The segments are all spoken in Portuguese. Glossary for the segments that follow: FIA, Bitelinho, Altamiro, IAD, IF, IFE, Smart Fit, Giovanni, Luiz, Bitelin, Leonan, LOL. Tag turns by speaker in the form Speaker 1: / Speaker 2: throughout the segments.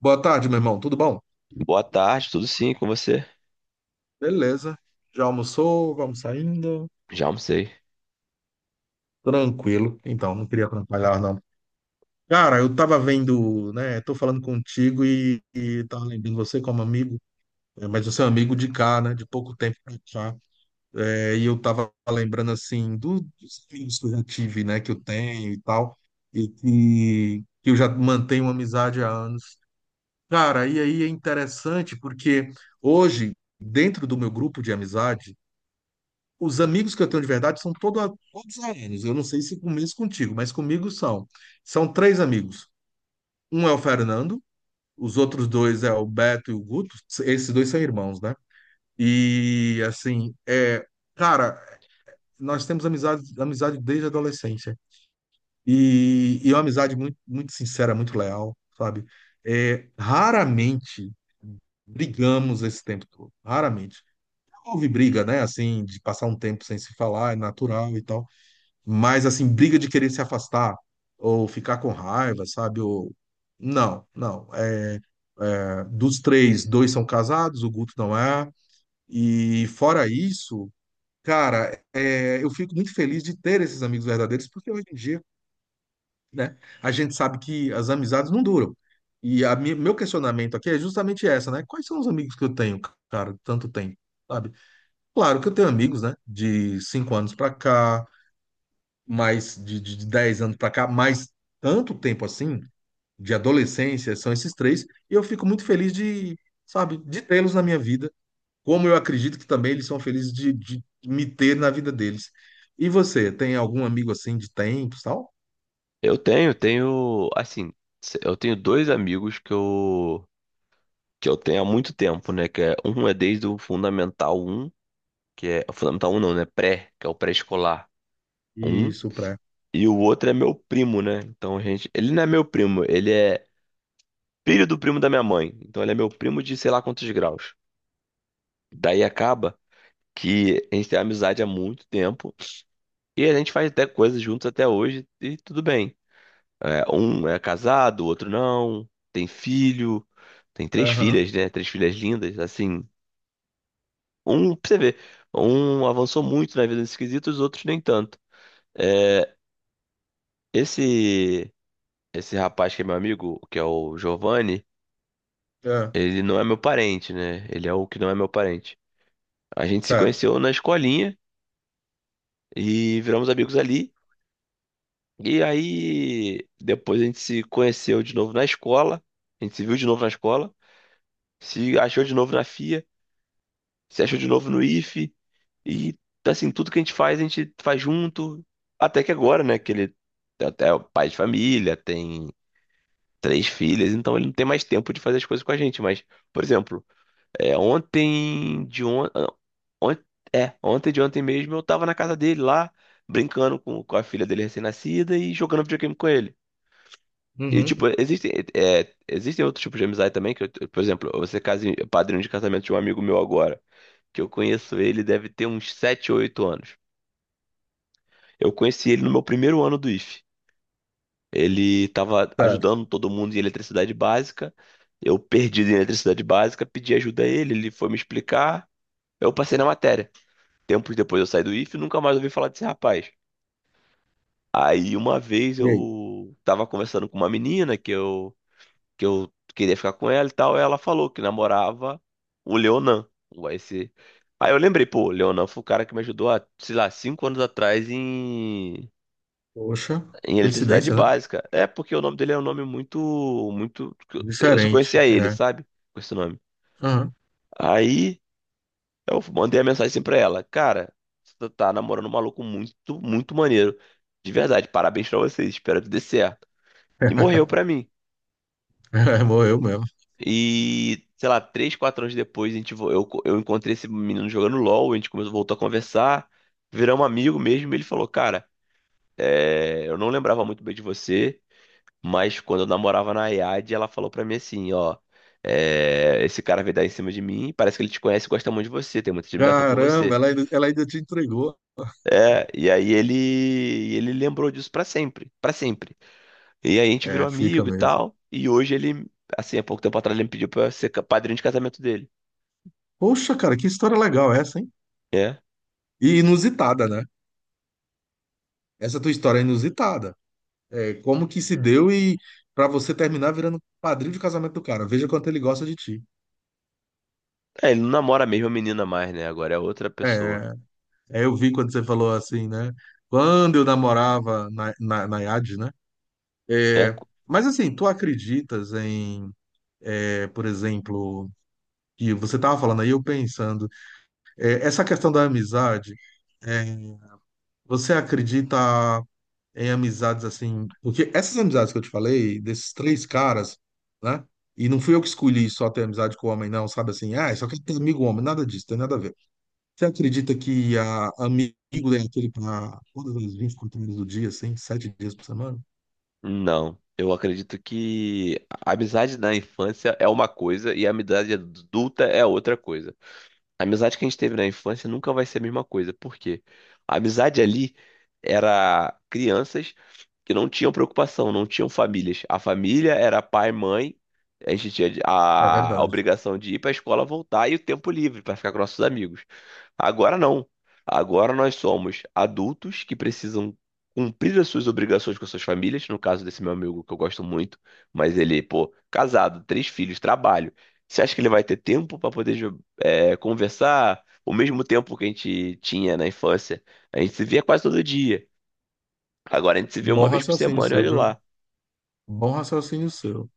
Speaker 1: Boa tarde, meu irmão. Tudo bom?
Speaker 2: Boa tarde, tudo sim com você?
Speaker 1: Beleza. Já almoçou? Vamos saindo?
Speaker 2: Já almocei.
Speaker 1: Tranquilo. Então, não queria atrapalhar, não. Cara, eu tava vendo, né? Tô falando contigo e tava lembrando você como amigo. Mas você é um amigo de cá, né? De pouco tempo pra cá. E eu tava lembrando, assim, dos amigos que eu já tive, né? Que eu tenho e tal. E que eu já mantenho uma amizade há anos. Cara, e aí é interessante porque hoje, dentro do meu grupo de amizades, os amigos que eu tenho de verdade são todos aéreos. Eu não sei se com isso contigo, mas comigo são. São três amigos. Um é o Fernando, os outros dois é o Beto e o Guto. Esses dois são irmãos, né? E assim, é, cara, nós temos amizade, amizade desde a adolescência. E é uma amizade muito, muito sincera, muito leal, sabe? É, raramente brigamos esse tempo todo. Raramente. Houve briga, né? Assim, de passar um tempo sem se falar, é natural e tal. Mas, assim, briga de querer se afastar ou ficar com raiva, sabe? Ou. Não, não. É, dos três, dois são casados, o Guto não é. E fora isso, cara, eu fico muito feliz de ter esses amigos verdadeiros, porque hoje em dia, né, a gente sabe que as amizades não duram. E meu questionamento aqui é justamente essa, né? Quais são os amigos que eu tenho, cara, tanto tempo, sabe? Claro que eu tenho amigos, né, de 5 anos pra cá, mais de 10 anos para cá, mais tanto tempo assim, de adolescência, são esses três, e eu fico muito feliz de, sabe, de tê-los na minha vida, como eu acredito que também eles são felizes de me ter na vida deles. E você, tem algum amigo assim de tempos, tal?
Speaker 2: Eu tenho, assim, eu tenho dois amigos que eu tenho há muito tempo, né? Que é, um é desde o Fundamental um, que é o Fundamental um não, né? Pré, que é o pré-escolar um.
Speaker 1: Isso, pré.
Speaker 2: E o outro é meu primo, né? Então, gente, ele não é meu primo, ele é filho do primo da minha mãe. Então, ele é meu primo de sei lá quantos graus. Daí acaba que a gente tem amizade há muito tempo e a gente faz até coisas juntos até hoje e tudo bem. É, um é casado, o outro não, tem filho, tem três
Speaker 1: Aham,
Speaker 2: filhas, né? Três filhas lindas, assim. Um, pra você ver, um avançou muito na vida nesse quesito, os outros nem tanto. É, esse esse rapaz que é meu amigo, que é o Giovanni,
Speaker 1: é,
Speaker 2: ele não é meu parente, né? Ele é o que não é meu parente. A gente se
Speaker 1: certo.
Speaker 2: conheceu na escolinha e viramos amigos ali. E aí, depois a gente se conheceu de novo na escola, a gente se viu de novo na escola, se achou de novo na FIA. Se achou de novo no Ife e assim, tudo que a gente faz junto, até que agora, né, que ele até é o pai de família, tem três filhas, então ele não tem mais tempo de fazer as coisas com a gente, mas, por exemplo, é, ontem de on... on- é, ontem de ontem mesmo eu tava na casa dele lá, brincando com a filha dele recém-nascida e jogando videogame com ele. E,
Speaker 1: Uhum,
Speaker 2: tipo, existem outros tipos de amizade também, que, por exemplo, você padrinho de casamento de um amigo meu agora que eu conheço ele deve ter uns 7 ou 8 anos. Eu conheci ele no meu primeiro ano do IF. Ele estava
Speaker 1: certo.
Speaker 2: ajudando todo mundo em eletricidade básica. Eu perdi em eletricidade básica, pedi ajuda a ele, ele foi me explicar. Eu passei na matéria. Tempos depois eu saí do IF e nunca mais ouvi falar desse rapaz. Aí uma vez
Speaker 1: E aí?
Speaker 2: eu tava conversando com uma menina que eu queria ficar com ela e tal. Ela falou que namorava o Leonan, o AEC. Aí eu lembrei, pô, o Leonan foi o cara que me ajudou há, sei lá, cinco anos atrás em,
Speaker 1: Poxa,
Speaker 2: em eletricidade
Speaker 1: coincidência, né?
Speaker 2: básica. É porque o nome dele é um nome muito. Eu só
Speaker 1: Diferente,
Speaker 2: conhecia ele,
Speaker 1: é.
Speaker 2: sabe? Com esse nome.
Speaker 1: Aham.
Speaker 2: Aí eu mandei a mensagem assim pra ela, cara, você tá namorando um maluco muito, muito maneiro. De verdade, parabéns pra vocês, espero que dê certo. E morreu pra mim.
Speaker 1: É, morreu mesmo.
Speaker 2: E, sei lá, três, quatro anos depois, a gente, vo- eu, co- eu encontrei esse menino jogando LOL, a gente começou, voltou a conversar, viramos amigo mesmo, e ele falou, cara, é, eu não lembrava muito bem de você, mas quando eu namorava na IAD, ela falou pra mim assim, ó, é, esse cara veio dar em cima de mim, parece que ele te conhece e gosta muito de você, tem muita admiração por
Speaker 1: Caramba,
Speaker 2: você.
Speaker 1: ela ainda te entregou.
Speaker 2: É, e aí ele, ele lembrou disso pra sempre, pra sempre. E aí a gente virou
Speaker 1: É, fica
Speaker 2: amigo e
Speaker 1: mesmo.
Speaker 2: tal, e hoje ele, assim, há pouco tempo atrás, ele me pediu pra eu ser padrinho de casamento dele.
Speaker 1: Poxa, cara, que história legal essa, hein?
Speaker 2: É.
Speaker 1: E inusitada, né? Essa tua história é inusitada. É, como que se deu e pra você terminar virando padrinho de casamento do cara. Veja quanto ele gosta de ti.
Speaker 2: É, ele não namora a mesma menina mais, né? Agora é outra pessoa.
Speaker 1: É, é, eu vi quando você falou assim, né? Quando eu namorava na, na IAD, né?
Speaker 2: É, co-
Speaker 1: Mas assim, tu acreditas em, por exemplo, que você tava falando aí, eu pensando, essa questão da amizade, é, você acredita em amizades assim. Porque essas amizades que eu te falei, desses três caras, né? E não fui eu que escolhi só ter amizade com homem, não, sabe assim? Ah, só quero ter amigo homem, nada disso, tem nada a ver. Você acredita que amigo é aquele para todas as 24 horas do dia, assim, 7 dias por semana?
Speaker 2: não. Eu acredito que a amizade na infância é uma coisa e a amizade adulta é outra coisa. A amizade que a gente teve na infância nunca vai ser a mesma coisa. Por quê? A amizade ali era crianças que não tinham preocupação, não tinham famílias. A família era pai, mãe. A gente tinha
Speaker 1: É
Speaker 2: a
Speaker 1: verdade.
Speaker 2: obrigação de ir para a escola, voltar e o tempo livre para ficar com nossos amigos. Agora não. Agora nós somos adultos que precisam cumprir as suas obrigações com as suas famílias. No caso desse meu amigo que eu gosto muito, mas ele, pô, casado, três filhos, trabalho. Você acha que ele vai ter tempo para poder conversar? O mesmo tempo que a gente tinha na infância, a gente se via quase todo dia. Agora a gente se vê uma
Speaker 1: Bom
Speaker 2: vez por
Speaker 1: raciocínio
Speaker 2: semana e
Speaker 1: seu,
Speaker 2: olha
Speaker 1: viu?
Speaker 2: lá.
Speaker 1: Bom raciocínio seu.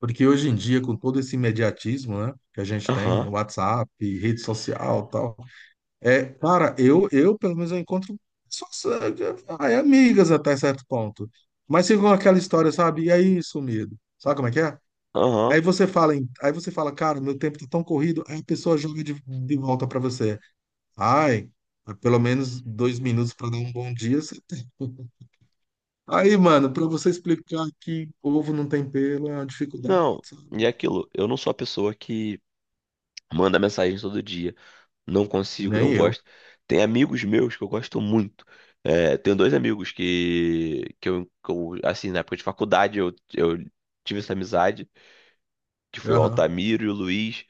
Speaker 1: Porque hoje em dia, com todo esse imediatismo, né, que a gente tem,
Speaker 2: Aham,
Speaker 1: WhatsApp, rede social, tal. Cara, eu pelo menos eu encontro só, só- ai, amigas até certo ponto. Mas ficam com aquela história, sabe? E aí, sumido. Sabe como é que é?
Speaker 2: aham.
Speaker 1: Aí você fala, aí você fala, cara, meu tempo tá tão corrido, aí a pessoa joga de volta pra você. Ai, pelo menos 2 minutos pra dar um bom dia, você tem. Aí, mano, pra você explicar que ovo não tem pelo é uma dificuldade,
Speaker 2: Não. E é
Speaker 1: sabe?
Speaker 2: aquilo, eu não sou a pessoa que manda mensagem todo dia. Não consigo,
Speaker 1: Nem
Speaker 2: não
Speaker 1: eu.
Speaker 2: gosto. Tem amigos meus que eu gosto muito. É, tenho dois amigos que eu, assim, na época de faculdade eu tive essa amizade, que foi o
Speaker 1: Aham.
Speaker 2: Altamiro e o Luiz.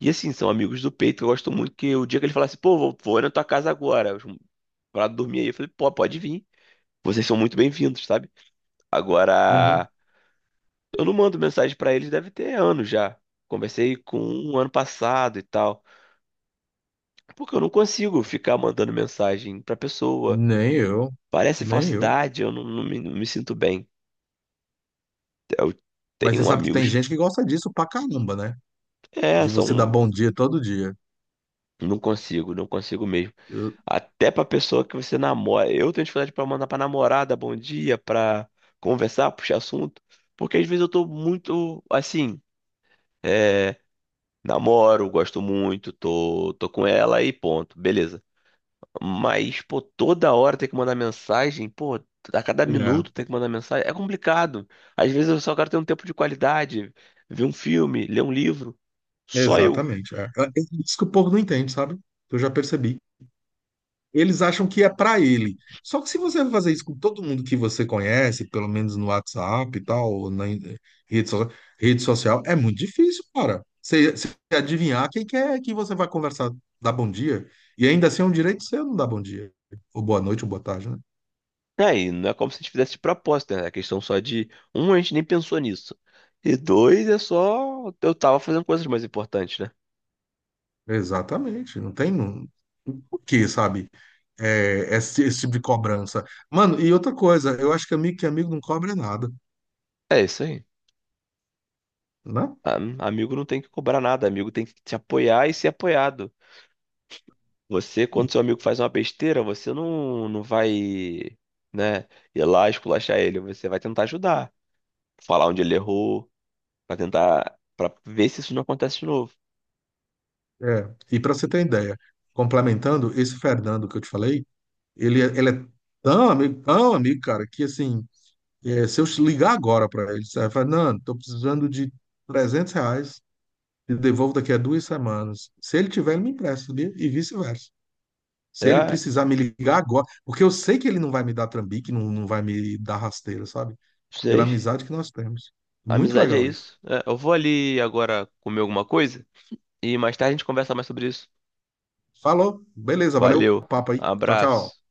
Speaker 2: E assim, são amigos do peito que eu gosto muito, que o dia que ele falasse, pô, vou na tua casa agora, pra dormir aí, eu falei, pô, pode vir. Vocês são muito bem-vindos, sabe?
Speaker 1: Uhum.
Speaker 2: Agora, eu não mando mensagem pra eles, deve ter anos já. Conversei com um ano passado e tal. Porque eu não consigo ficar mandando mensagem pra pessoa.
Speaker 1: Nem eu.
Speaker 2: Parece
Speaker 1: Nem eu.
Speaker 2: falsidade, eu não, não me sinto bem. Eu
Speaker 1: Mas você
Speaker 2: tenho
Speaker 1: sabe que tem
Speaker 2: amigos.
Speaker 1: gente que gosta disso pra caramba, né?
Speaker 2: É,
Speaker 1: De você dar
Speaker 2: são.
Speaker 1: bom dia todo dia.
Speaker 2: Não consigo, não consigo mesmo.
Speaker 1: Eu-
Speaker 2: Até pra pessoa que você namora. Eu tenho dificuldade pra mandar pra namorada bom dia, pra conversar, puxar assunto. Porque às vezes eu tô muito assim. é, Namoro, gosto muito, tô com ela e ponto. Beleza. Mas, pô, toda hora tem que mandar mensagem, pô, a cada
Speaker 1: É,
Speaker 2: minuto tem que mandar mensagem. É complicado. Às vezes eu só quero ter um tempo de qualidade, ver um filme, ler um livro. Só eu.
Speaker 1: exatamente. É. É, isso que o povo não entende, sabe? Eu já percebi. Eles acham que é pra ele. Só que se você fazer isso com todo mundo que você conhece, pelo menos no WhatsApp e tal, ou na rede, so- rede social, é muito difícil, cara. Você adivinhar quem que é que você vai conversar, dar bom dia. E ainda assim é um direito seu não dar bom dia. Ou boa noite, ou boa tarde, né?
Speaker 2: Aí, não é como se a gente fizesse de propósito, né? É questão só de, um, a gente nem pensou nisso. E dois, é só eu tava fazendo coisas mais importantes, né?
Speaker 1: Exatamente. Não tem. Não. Por quê, sabe? É, esse tipo de cobrança. Mano, e outra coisa, eu acho que amigo não cobra nada,
Speaker 2: É isso aí.
Speaker 1: né?
Speaker 2: A- Amigo não tem que cobrar nada, amigo tem que te apoiar e ser apoiado. Você, quando seu amigo faz uma besteira, você não vai, né, ir lá esculachar ele. Você vai tentar ajudar, falar onde ele errou, pra tentar, pra ver se isso não acontece de novo.
Speaker 1: É. E para você ter ideia, complementando, esse Fernando que eu te falei, ele é tão amigo, cara, que assim, se eu ligar agora para ele, você vai falar, Fernando, tô precisando de 300 reais, te devolvo daqui a 2 semanas. Se ele tiver, ele me empresta, sabia? E vice-versa. Se ele
Speaker 2: É,
Speaker 1: precisar me ligar agora, porque eu sei que ele não vai me dar trambique, não, não vai me dar rasteira, sabe? Pela
Speaker 2: sei.
Speaker 1: amizade que nós temos. Muito
Speaker 2: Amizade é
Speaker 1: legal isso.
Speaker 2: isso. É, eu vou ali agora comer alguma coisa e mais tarde a gente conversa mais sobre isso.
Speaker 1: Falou, beleza, valeu o
Speaker 2: Valeu,
Speaker 1: papo aí. Tchau, tchau.
Speaker 2: abraço.